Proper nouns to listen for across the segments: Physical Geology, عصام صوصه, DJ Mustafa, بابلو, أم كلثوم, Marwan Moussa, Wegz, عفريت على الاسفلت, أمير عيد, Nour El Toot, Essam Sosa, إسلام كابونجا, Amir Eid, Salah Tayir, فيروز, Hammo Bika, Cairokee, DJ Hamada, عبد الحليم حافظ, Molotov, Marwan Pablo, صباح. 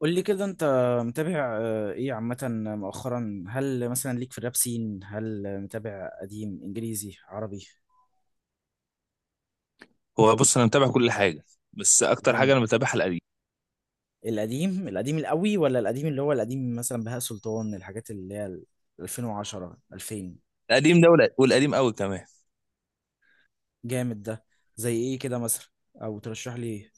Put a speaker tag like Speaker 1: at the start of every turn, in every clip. Speaker 1: قول لي كده، انت متابع، ايه عامة مؤخرا؟ هل مثلا ليك في الراب سين؟ هل متابع قديم؟ انجليزي، عربي؟
Speaker 2: هو بص انا متابع كل حاجه. بس اكتر حاجه
Speaker 1: جامد.
Speaker 2: انا متابعها القديم.
Speaker 1: القديم، القديم القوي ولا القديم اللي هو القديم مثلا بهاء سلطان، الحاجات اللي هي ال 2010 2000.
Speaker 2: القديم ده والقديم قوي كمان.
Speaker 1: جامد ده. زي ايه كده مثلا؟ او ترشح لي ايه؟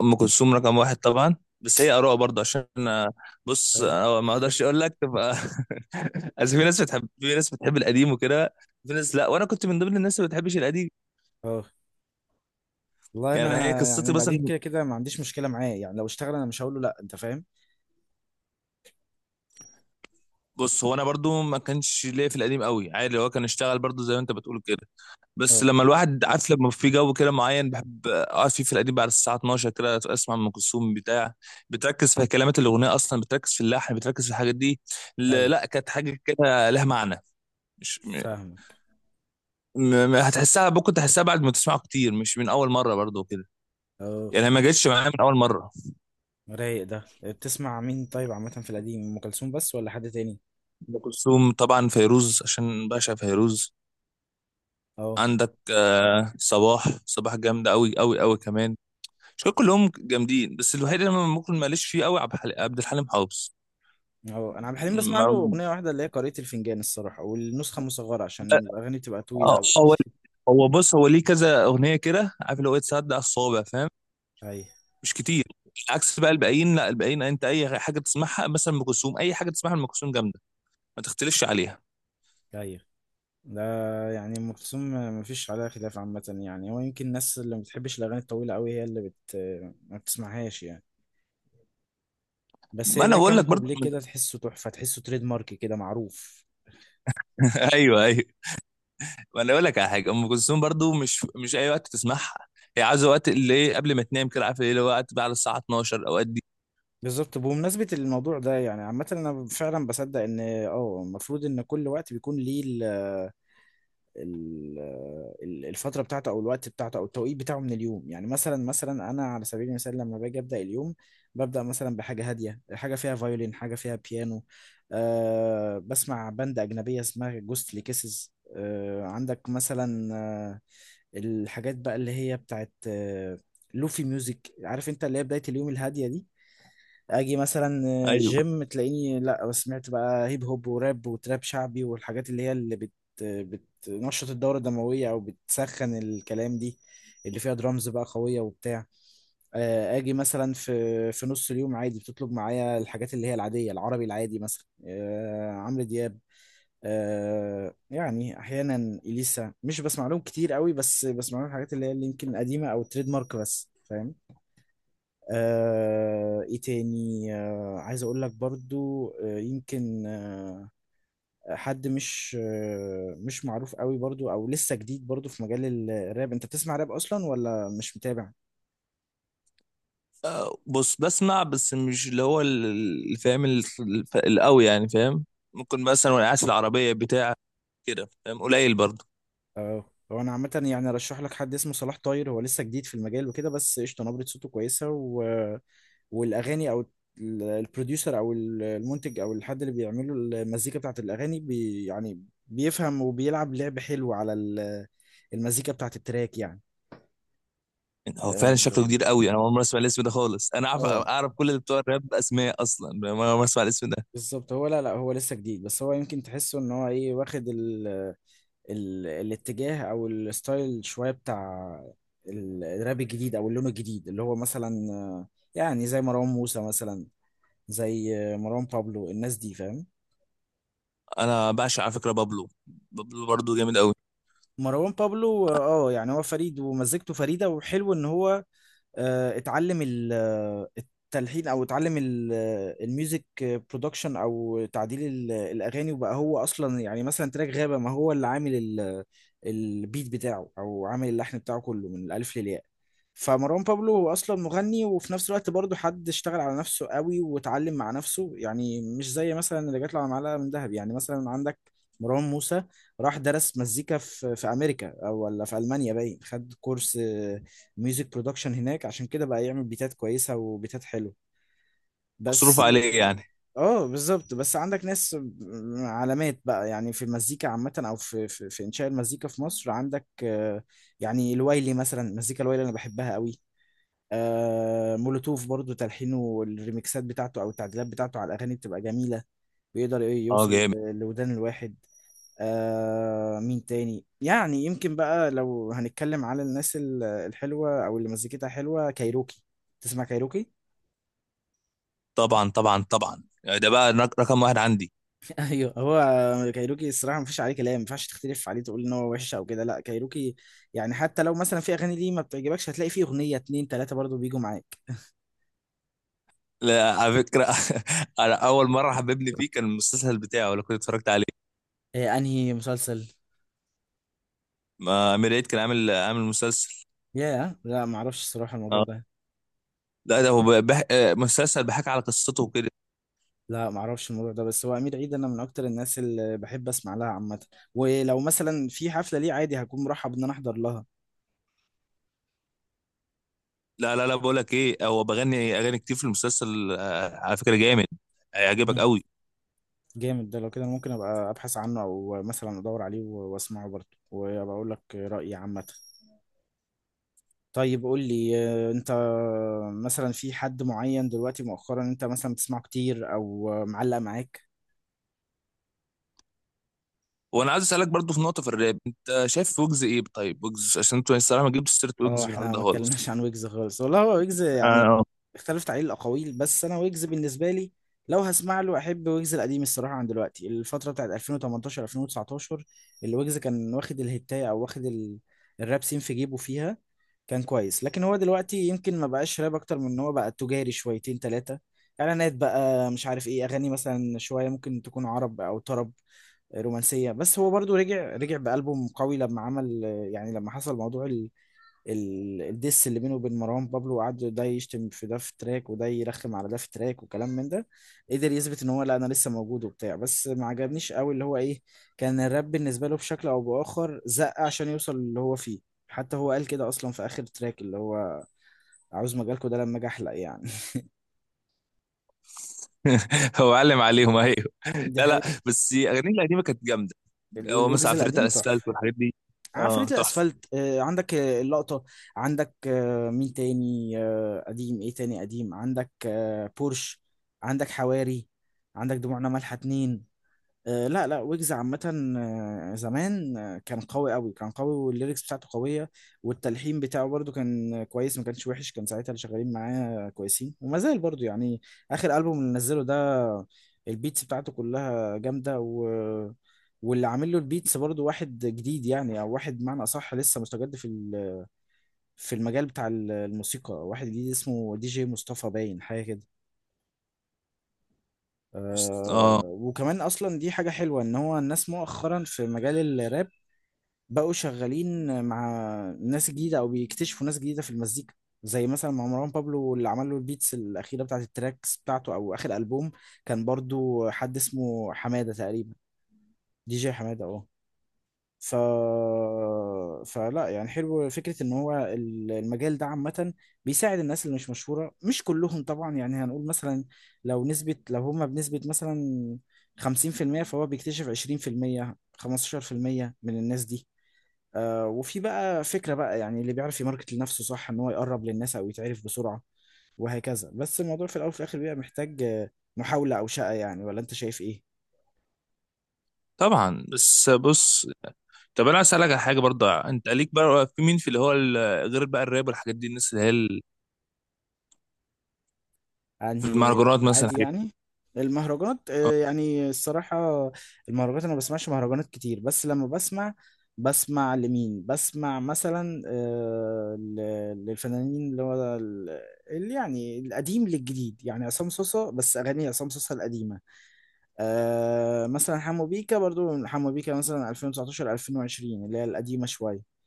Speaker 2: ام كلثوم رقم واحد طبعا، بس هي اراء برضه عشان بص
Speaker 1: اي.
Speaker 2: أنا ما اقدرش اقول لك تبقى. اصل في ناس بتحب، في ناس بتحب القديم وكده، في ناس لا، وانا كنت من ضمن الناس اللي ما بتحبش القديم.
Speaker 1: اه، والله
Speaker 2: يعني هي
Speaker 1: انا يعني
Speaker 2: قصتي
Speaker 1: القديم
Speaker 2: مثلا.
Speaker 1: كده كده ما عنديش مشكلة معاه، يعني لو اشتغل انا مش هقول له لا. انت فاهم.
Speaker 2: بص هو انا برضو ما كانش ليا في القديم قوي، عادي هو كان اشتغل برضو زي ما انت بتقول كده.
Speaker 1: اه،
Speaker 2: بس لما الواحد عارف لما في جو كده معين بحب اقعد فيه في القديم بعد الساعه 12 كده، اسمع ام كلثوم بتاع. بتركز في كلمات الاغنيه اصلا، بتركز في اللحن، بتركز في الحاجات دي.
Speaker 1: ايوه،
Speaker 2: لا، كانت حاجه كده لها معنى، مش
Speaker 1: فاهمك.
Speaker 2: هتحسها. ممكن تحسها بعد ما تسمعه كتير، مش من اول مره برضو كده.
Speaker 1: اه،
Speaker 2: يعني ما جتش معايا من اول مره.
Speaker 1: رايق ده. بتسمع مين طيب عامة في القديم؟ أم كلثوم بس ولا حد تاني؟
Speaker 2: ام كلثوم طبعا، فيروز عشان بعشق فيروز.
Speaker 1: اه،
Speaker 2: عندك آه، صباح. صباح جامدة أوي أوي أوي كمان. مش كلهم جامدين، بس الوحيد اللي أنا ممكن ماليش فيه أوي عبد الحليم. حافظ.
Speaker 1: اه، أنا عبد الحليم بسمع له
Speaker 2: ما-
Speaker 1: أغنية واحدة، اللي هي قارئة الفنجان الصراحة، والنسخة مصغرة عشان الأغاني بتبقى طويلة
Speaker 2: آه،
Speaker 1: أوي.
Speaker 2: هو بص، هو ليه كذا اغنيه كده، عارف اللي هو إيه، تصدق الصوابع، فاهم؟
Speaker 1: أيوه،
Speaker 2: مش كتير. عكس بقى الباقيين، لا الباقيين انت اي حاجه تسمعها مثلا ام كلثوم، اي حاجه تسمعها ام كلثوم جامده، ما تختلفش عليها.
Speaker 1: أيوه. ده يعني أم كلثوم مفيش عليها خلاف عامة، يعني هو يمكن الناس اللي ما بتحبش الأغاني الطويلة أوي هي اللي ما بتسمعهاش يعني. بس
Speaker 2: ما
Speaker 1: هي
Speaker 2: انا
Speaker 1: ليها كام،
Speaker 2: بقول
Speaker 1: اقول
Speaker 2: لك
Speaker 1: لك،
Speaker 2: برضو.
Speaker 1: كوبليه كده تحسه تحفة، تحسه تريد مارك كده معروف.
Speaker 2: ايوه ايوه، ما انا اقول لك على حاجه، ام كلثوم برضو مش اي وقت تسمعها. هي عايزه وقت اللي إيه، قبل ما تنام كده، عارف ايه، اللي هو وقت بقى على الساعه 12، اوقات دي.
Speaker 1: بالظبط. بمناسبة الموضوع ده يعني عامة أنا فعلا بصدق إن المفروض إن كل وقت بيكون ليه ال- الفترة بتاعته أو الوقت بتاعته أو التوقيت بتاعه من اليوم. يعني مثلا أنا على سبيل المثال لما باجي أبدأ اليوم، ببدأ مثلا بحاجة هادية، حاجة فيها فيولين، حاجة فيها بيانو. بسمع باند أجنبية اسمها جوستلي كيسز. عندك مثلا الحاجات بقى اللي هي بتاعت لوفي ميوزك، عارف انت، اللي هي بداية اليوم الهادية دي. اجي مثلا
Speaker 2: ايوه
Speaker 1: جيم تلاقيني لا، سمعت بقى هيب هوب وراب وتراب شعبي والحاجات اللي هي اللي بتنشط الدورة الدموية او بتسخن الكلام، دي اللي فيها درامز بقى قوية وبتاع. اجي مثلا في نص اليوم عادي بتطلب معايا الحاجات اللي هي العادية، العربي العادي مثلا عمرو دياب، يعني احيانا اليسا، مش بسمع لهم كتير قوي بس بسمع لهم الحاجات اللي هي اللي يمكن قديمة او تريد مارك بس، فاهم. ايه تاني؟ عايز اقول لك برضو يمكن حد مش مش معروف قوي برضو، او لسه جديد برضو في مجال الراب. انت بتسمع راب اصلا ولا مش متابع؟
Speaker 2: آه، بص بسمع بس مش اللي هو اللي فاهم القوي، يعني فاهم. ممكن مثلا وانا قاعد في العربيه بتاع كده، فاهم قليل برضه.
Speaker 1: اه، هو انا عامه يعني ارشح لك حد اسمه صلاح طاير. هو لسه جديد في المجال وكده بس قشطه، نبره صوته كويسه، و... والاغاني، او البروديوسر، او المنتج، او الحد اللي بيعمله المزيكا بتاعت الاغاني، بي يعني بيفهم وبيلعب لعب حلو على المزيكا بتاعت التراك يعني.
Speaker 2: يعني هو
Speaker 1: اه،
Speaker 2: فعلا شكله كبير قوي، انا اول مره اسمع الاسم ده خالص، انا اعرف
Speaker 1: آه،
Speaker 2: اعرف كل اللي بتوع الراب اسماء اصلا، فاهم؟ انا اول مره اسمع الاسم ده.
Speaker 1: بالظبط. هو لا، لا، هو لسه جديد بس هو يمكن تحسه ان هو ايه، واخد ال الاتجاه او الستايل شويه بتاع الراب الجديد، او اللون الجديد اللي هو مثلا، يعني زي مروان موسى مثلا، زي مروان بابلو، الناس دي، فاهم.
Speaker 2: انا بعشق على فكره بابلو، بابلو برضه جامد قوي.
Speaker 1: مروان بابلو، اه. يعني هو فريد ومزجته فريده، وحلو ان هو اتعلم التلحين، او اتعلم الميوزك برودكشن، او تعديل الاغاني، وبقى هو اصلا يعني مثلا تراك غابة، ما هو اللي عامل البيت بتاعه او عامل اللحن بتاعه كله من الالف للياء. فمروان بابلو هو اصلا مغني، وفي نفس الوقت برضه حد اشتغل على نفسه قوي واتعلم مع نفسه، يعني مش زي مثلا اللي جات له على معلقه من ذهب. يعني مثلا عندك مروان موسى، راح درس مزيكا في امريكا او ولا في المانيا باين، خد كورس ميوزك برودكشن هناك، عشان كده بقى يعمل بيتات كويسة وبيتات حلوة
Speaker 2: مصروف
Speaker 1: بس.
Speaker 2: عليه يعني.
Speaker 1: اه، بالظبط. بس عندك ناس علامات بقى يعني في المزيكا عامة، او في في انشاء المزيكا في مصر، عندك يعني الوايلي مثلا، المزيكا الوايلي انا بحبها قوي. مولوتوف برضو تلحينه والريميكسات بتاعته او التعديلات بتاعته على الاغاني بتبقى جميلة، بيقدر إيه
Speaker 2: اه
Speaker 1: يوصل
Speaker 2: جامد.
Speaker 1: لودان الواحد. مين تاني؟ يعني يمكن بقى لو هنتكلم على الناس الحلوة أو اللي مزيكتها حلوة، كايروكي. تسمع كايروكي؟
Speaker 2: طبعا طبعا طبعا، يعني ده بقى رقم واحد عندي.
Speaker 1: ايوه. هو كايروكي الصراحة مفيش عليه كلام، مينفعش تختلف عليه تقول إن هو وحش أو كده، لا كايروكي، يعني حتى لو مثلا في أغاني ليه ما بتعجبكش، هتلاقي فيه أغنية اتنين تلاتة برضو بيجوا معاك.
Speaker 2: لا على فكره، انا اول مره حببني فيه كان المسلسل بتاعه، لو كنت اتفرجت عليه.
Speaker 1: إيه، انهي مسلسل؟
Speaker 2: امير عيد كان عامل مسلسل.
Speaker 1: ياه، لا معرفش الصراحة الموضوع
Speaker 2: اه
Speaker 1: ده.
Speaker 2: لا، ده هو آه، مسلسل بحكي على قصته وكده.
Speaker 1: لا معرفش الموضوع ده، بس هو أمير عيد أنا من أكتر الناس اللي بحب أسمع لها عامة، ولو مثلا في حفلة ليه عادي هكون مرحب إن أنا أحضر
Speaker 2: لا لا لا، بقول لك ايه، هو بغني اغاني كتير في المسلسل، آه، على فكره جامد، هيعجبك
Speaker 1: لها.
Speaker 2: قوي.
Speaker 1: جامد ده. لو كده ممكن ابقى ابحث عنه او مثلا ادور عليه واسمعه برضه وابقى اقول لك رايي عامه. طيب قول لي، انت مثلا في حد معين دلوقتي مؤخرا انت مثلا بتسمعه كتير او معلق معاك؟
Speaker 2: وانا عايز اسالك برضو في نقطه في الراب، انت شايف ويجز ايه؟ طيب ويجز عشان انتوا الصراحه ما جبتوا سيره
Speaker 1: اه،
Speaker 2: ويجز في الحوار
Speaker 1: احنا
Speaker 2: ده
Speaker 1: ما
Speaker 2: خالص.
Speaker 1: اتكلمناش عن ويجز خالص والله. هو ويجز يعني،
Speaker 2: اه
Speaker 1: اختلفت عليه الاقاويل بس انا ويجز بالنسبه لي، لو هسمع له احب ويجز القديم الصراحه عن دلوقتي، الفتره بتاعت 2018 2019 اللي ويجز كان واخد الهتايه، او واخد الراب سين في جيبه فيها كان كويس. لكن هو دلوقتي يمكن ما بقاش راب، اكتر من ان هو بقى تجاري شويتين ثلاثه، اعلانات بقى، مش عارف ايه، اغاني مثلا شويه ممكن تكون عرب او طرب رومانسيه. بس هو برضو رجع بألبوم قوي لما عمل، يعني لما حصل موضوع الدس اللي بينه وبين مروان بابلو، وقعدوا ده يشتم في ده في تراك وده يرخم على ده في تراك وكلام من ده، قدر يثبت ان هو لا، انا لسه موجود وبتاع. بس ما عجبنيش قوي اللي هو ايه، كان الراب بالنسبه له بشكل او باخر زق عشان يوصل اللي هو فيه. حتى هو قال كده اصلا في اخر تراك، اللي هو عاوز مجالكوا ده لما اجي احلق يعني.
Speaker 2: هو علم عليهم، ايوه.
Speaker 1: دي
Speaker 2: لا لا،
Speaker 1: حقيقة.
Speaker 2: بس اغانيه القديمه كانت جامده. هو مثلا
Speaker 1: الويجز
Speaker 2: عفريت
Speaker 1: القديم
Speaker 2: على الاسفلت
Speaker 1: تحفه.
Speaker 2: والحاجات دي. اه
Speaker 1: عفريت
Speaker 2: تحفه.
Speaker 1: الاسفلت، عندك اللقطه، عندك مين تاني؟ قديم ايه تاني قديم؟ عندك بورش، عندك حواري، عندك دموعنا مالحه اتنين. لا، لا، ويجز عامة زمان كان قوي، قوي كان قوي، والليركس بتاعته قوية، والتلحين بتاعه برضو كان كويس، ما كانش وحش، كان ساعتها اللي شغالين معاه كويسين، وما زال برضو يعني. آخر ألبوم اللي نزله ده البيتس بتاعته كلها جامدة، و... واللي عامل له البيتس برضو واحد جديد يعني، أو واحد بمعنى أصح لسه مستجد في في المجال بتاع الموسيقى، واحد جديد اسمه دي جي مصطفى باين، حاجة كده.
Speaker 2: بس- اه
Speaker 1: وكمان اصلا دي حاجه حلوه ان هو الناس مؤخرا في مجال الراب بقوا شغالين مع ناس جديدة أو بيكتشفوا ناس جديدة في المزيكا، زي مثلا مع مروان بابلو اللي عمل له البيتس الأخيرة بتاعت التراكس بتاعته أو آخر ألبوم، كان برضو حد اسمه حمادة تقريبا، دي جي حمادة، اه. ف... فلا، يعني حلو فكرة إن هو المجال ده عامة بيساعد الناس اللي مش مشهورة، مش كلهم طبعا يعني، هنقول مثلا لو نسبة، لو هما بنسبة مثلا 50%، فهو بيكتشف 20%، 15% من الناس دي. وفي بقى فكرة بقى يعني اللي بيعرف يماركت لنفسه صح، ان هو يقرب للناس او يتعرف بسرعة وهكذا. بس الموضوع في الاول وفي الاخر بيبقى محتاج محاولة او شقة يعني. ولا انت شايف ايه؟
Speaker 2: طبعا، بس بص، طب انا عايز اسالك على حاجه برضه، انت ليك بقى في مين في اللي هو غير بقى الراب والحاجات دي، الناس اللي هي في
Speaker 1: انهي
Speaker 2: المهرجانات مثلا،
Speaker 1: العادي
Speaker 2: الحاجات دي.
Speaker 1: يعني المهرجانات؟
Speaker 2: آه.
Speaker 1: يعني الصراحة المهرجانات انا ما بسمعش مهرجانات كتير. بس لما بسمع، بسمع لمين؟ بسمع مثلا للفنانين اللي هو اللي يعني القديم للجديد، يعني عصام صوصة، بس اغاني عصام صوصة القديمة. مثلا حمو بيكا، برضو حمو بيكا مثلا 2019 2020 اللي هي القديمة شوية.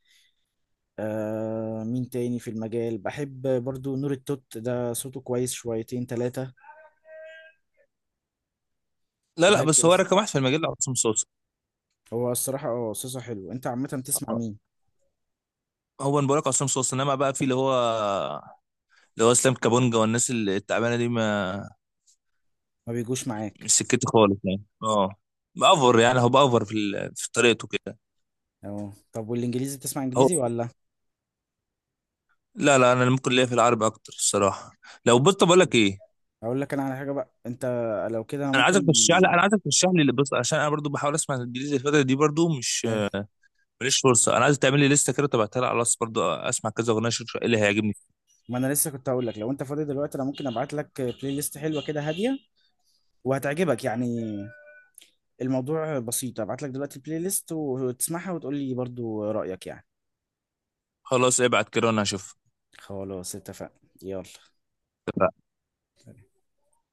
Speaker 1: مين تاني في المجال بحب برضو؟ نور التوت ده صوته كويس شويتين تلاتة
Speaker 2: لا لا، بس هو
Speaker 1: وهكذا.
Speaker 2: رقم واحد في المجال ده عصام صوصه.
Speaker 1: هو الصراحة اه صوته حلو. انت عامة بتسمع
Speaker 2: آه.
Speaker 1: مين؟
Speaker 2: هو انا بقول لك عصام صوصه، انما بقى في اللي هو اللي هو اسلام كابونجا والناس التعبانه دي، ما
Speaker 1: ما بيجوش
Speaker 2: مش
Speaker 1: معاك.
Speaker 2: سكتي خالص يعني. اه بأفر، يعني هو بأفر في في طريقته كده.
Speaker 1: اه، طب والانجليزي، بتسمع
Speaker 2: هو
Speaker 1: انجليزي ولا؟
Speaker 2: لا لا، انا ممكن ليا في العربي اكتر الصراحه. لو بص بقول لك ايه،
Speaker 1: اقول لك انا على حاجة بقى، انت لو كده انا
Speaker 2: انا عايزك
Speaker 1: ممكن.
Speaker 2: ترشح لي، انا عايزك ترشح لي بص عشان انا برضو بحاول اسمع الانجليزي الفتره دي برضو، مش
Speaker 1: أي.
Speaker 2: ماليش فرصه. انا عايز تعمل لي لسته كده، تبعتها لي على الواتس برضه، اسمع كذا اغنيه اشوف ايه اللي هيعجبني.
Speaker 1: ما انا لسه كنت هقول لك لو انت فاضي دلوقتي انا ممكن ابعت لك بلاي ليست حلوة كده، هادية وهتعجبك يعني. الموضوع بسيط، ابعت لك دلوقتي البلاي ليست وتسمعها وتقول لي برضو رأيك يعني.
Speaker 2: خلاص ابعت كده وانا هشوف.
Speaker 1: خلاص، اتفقنا، يلا.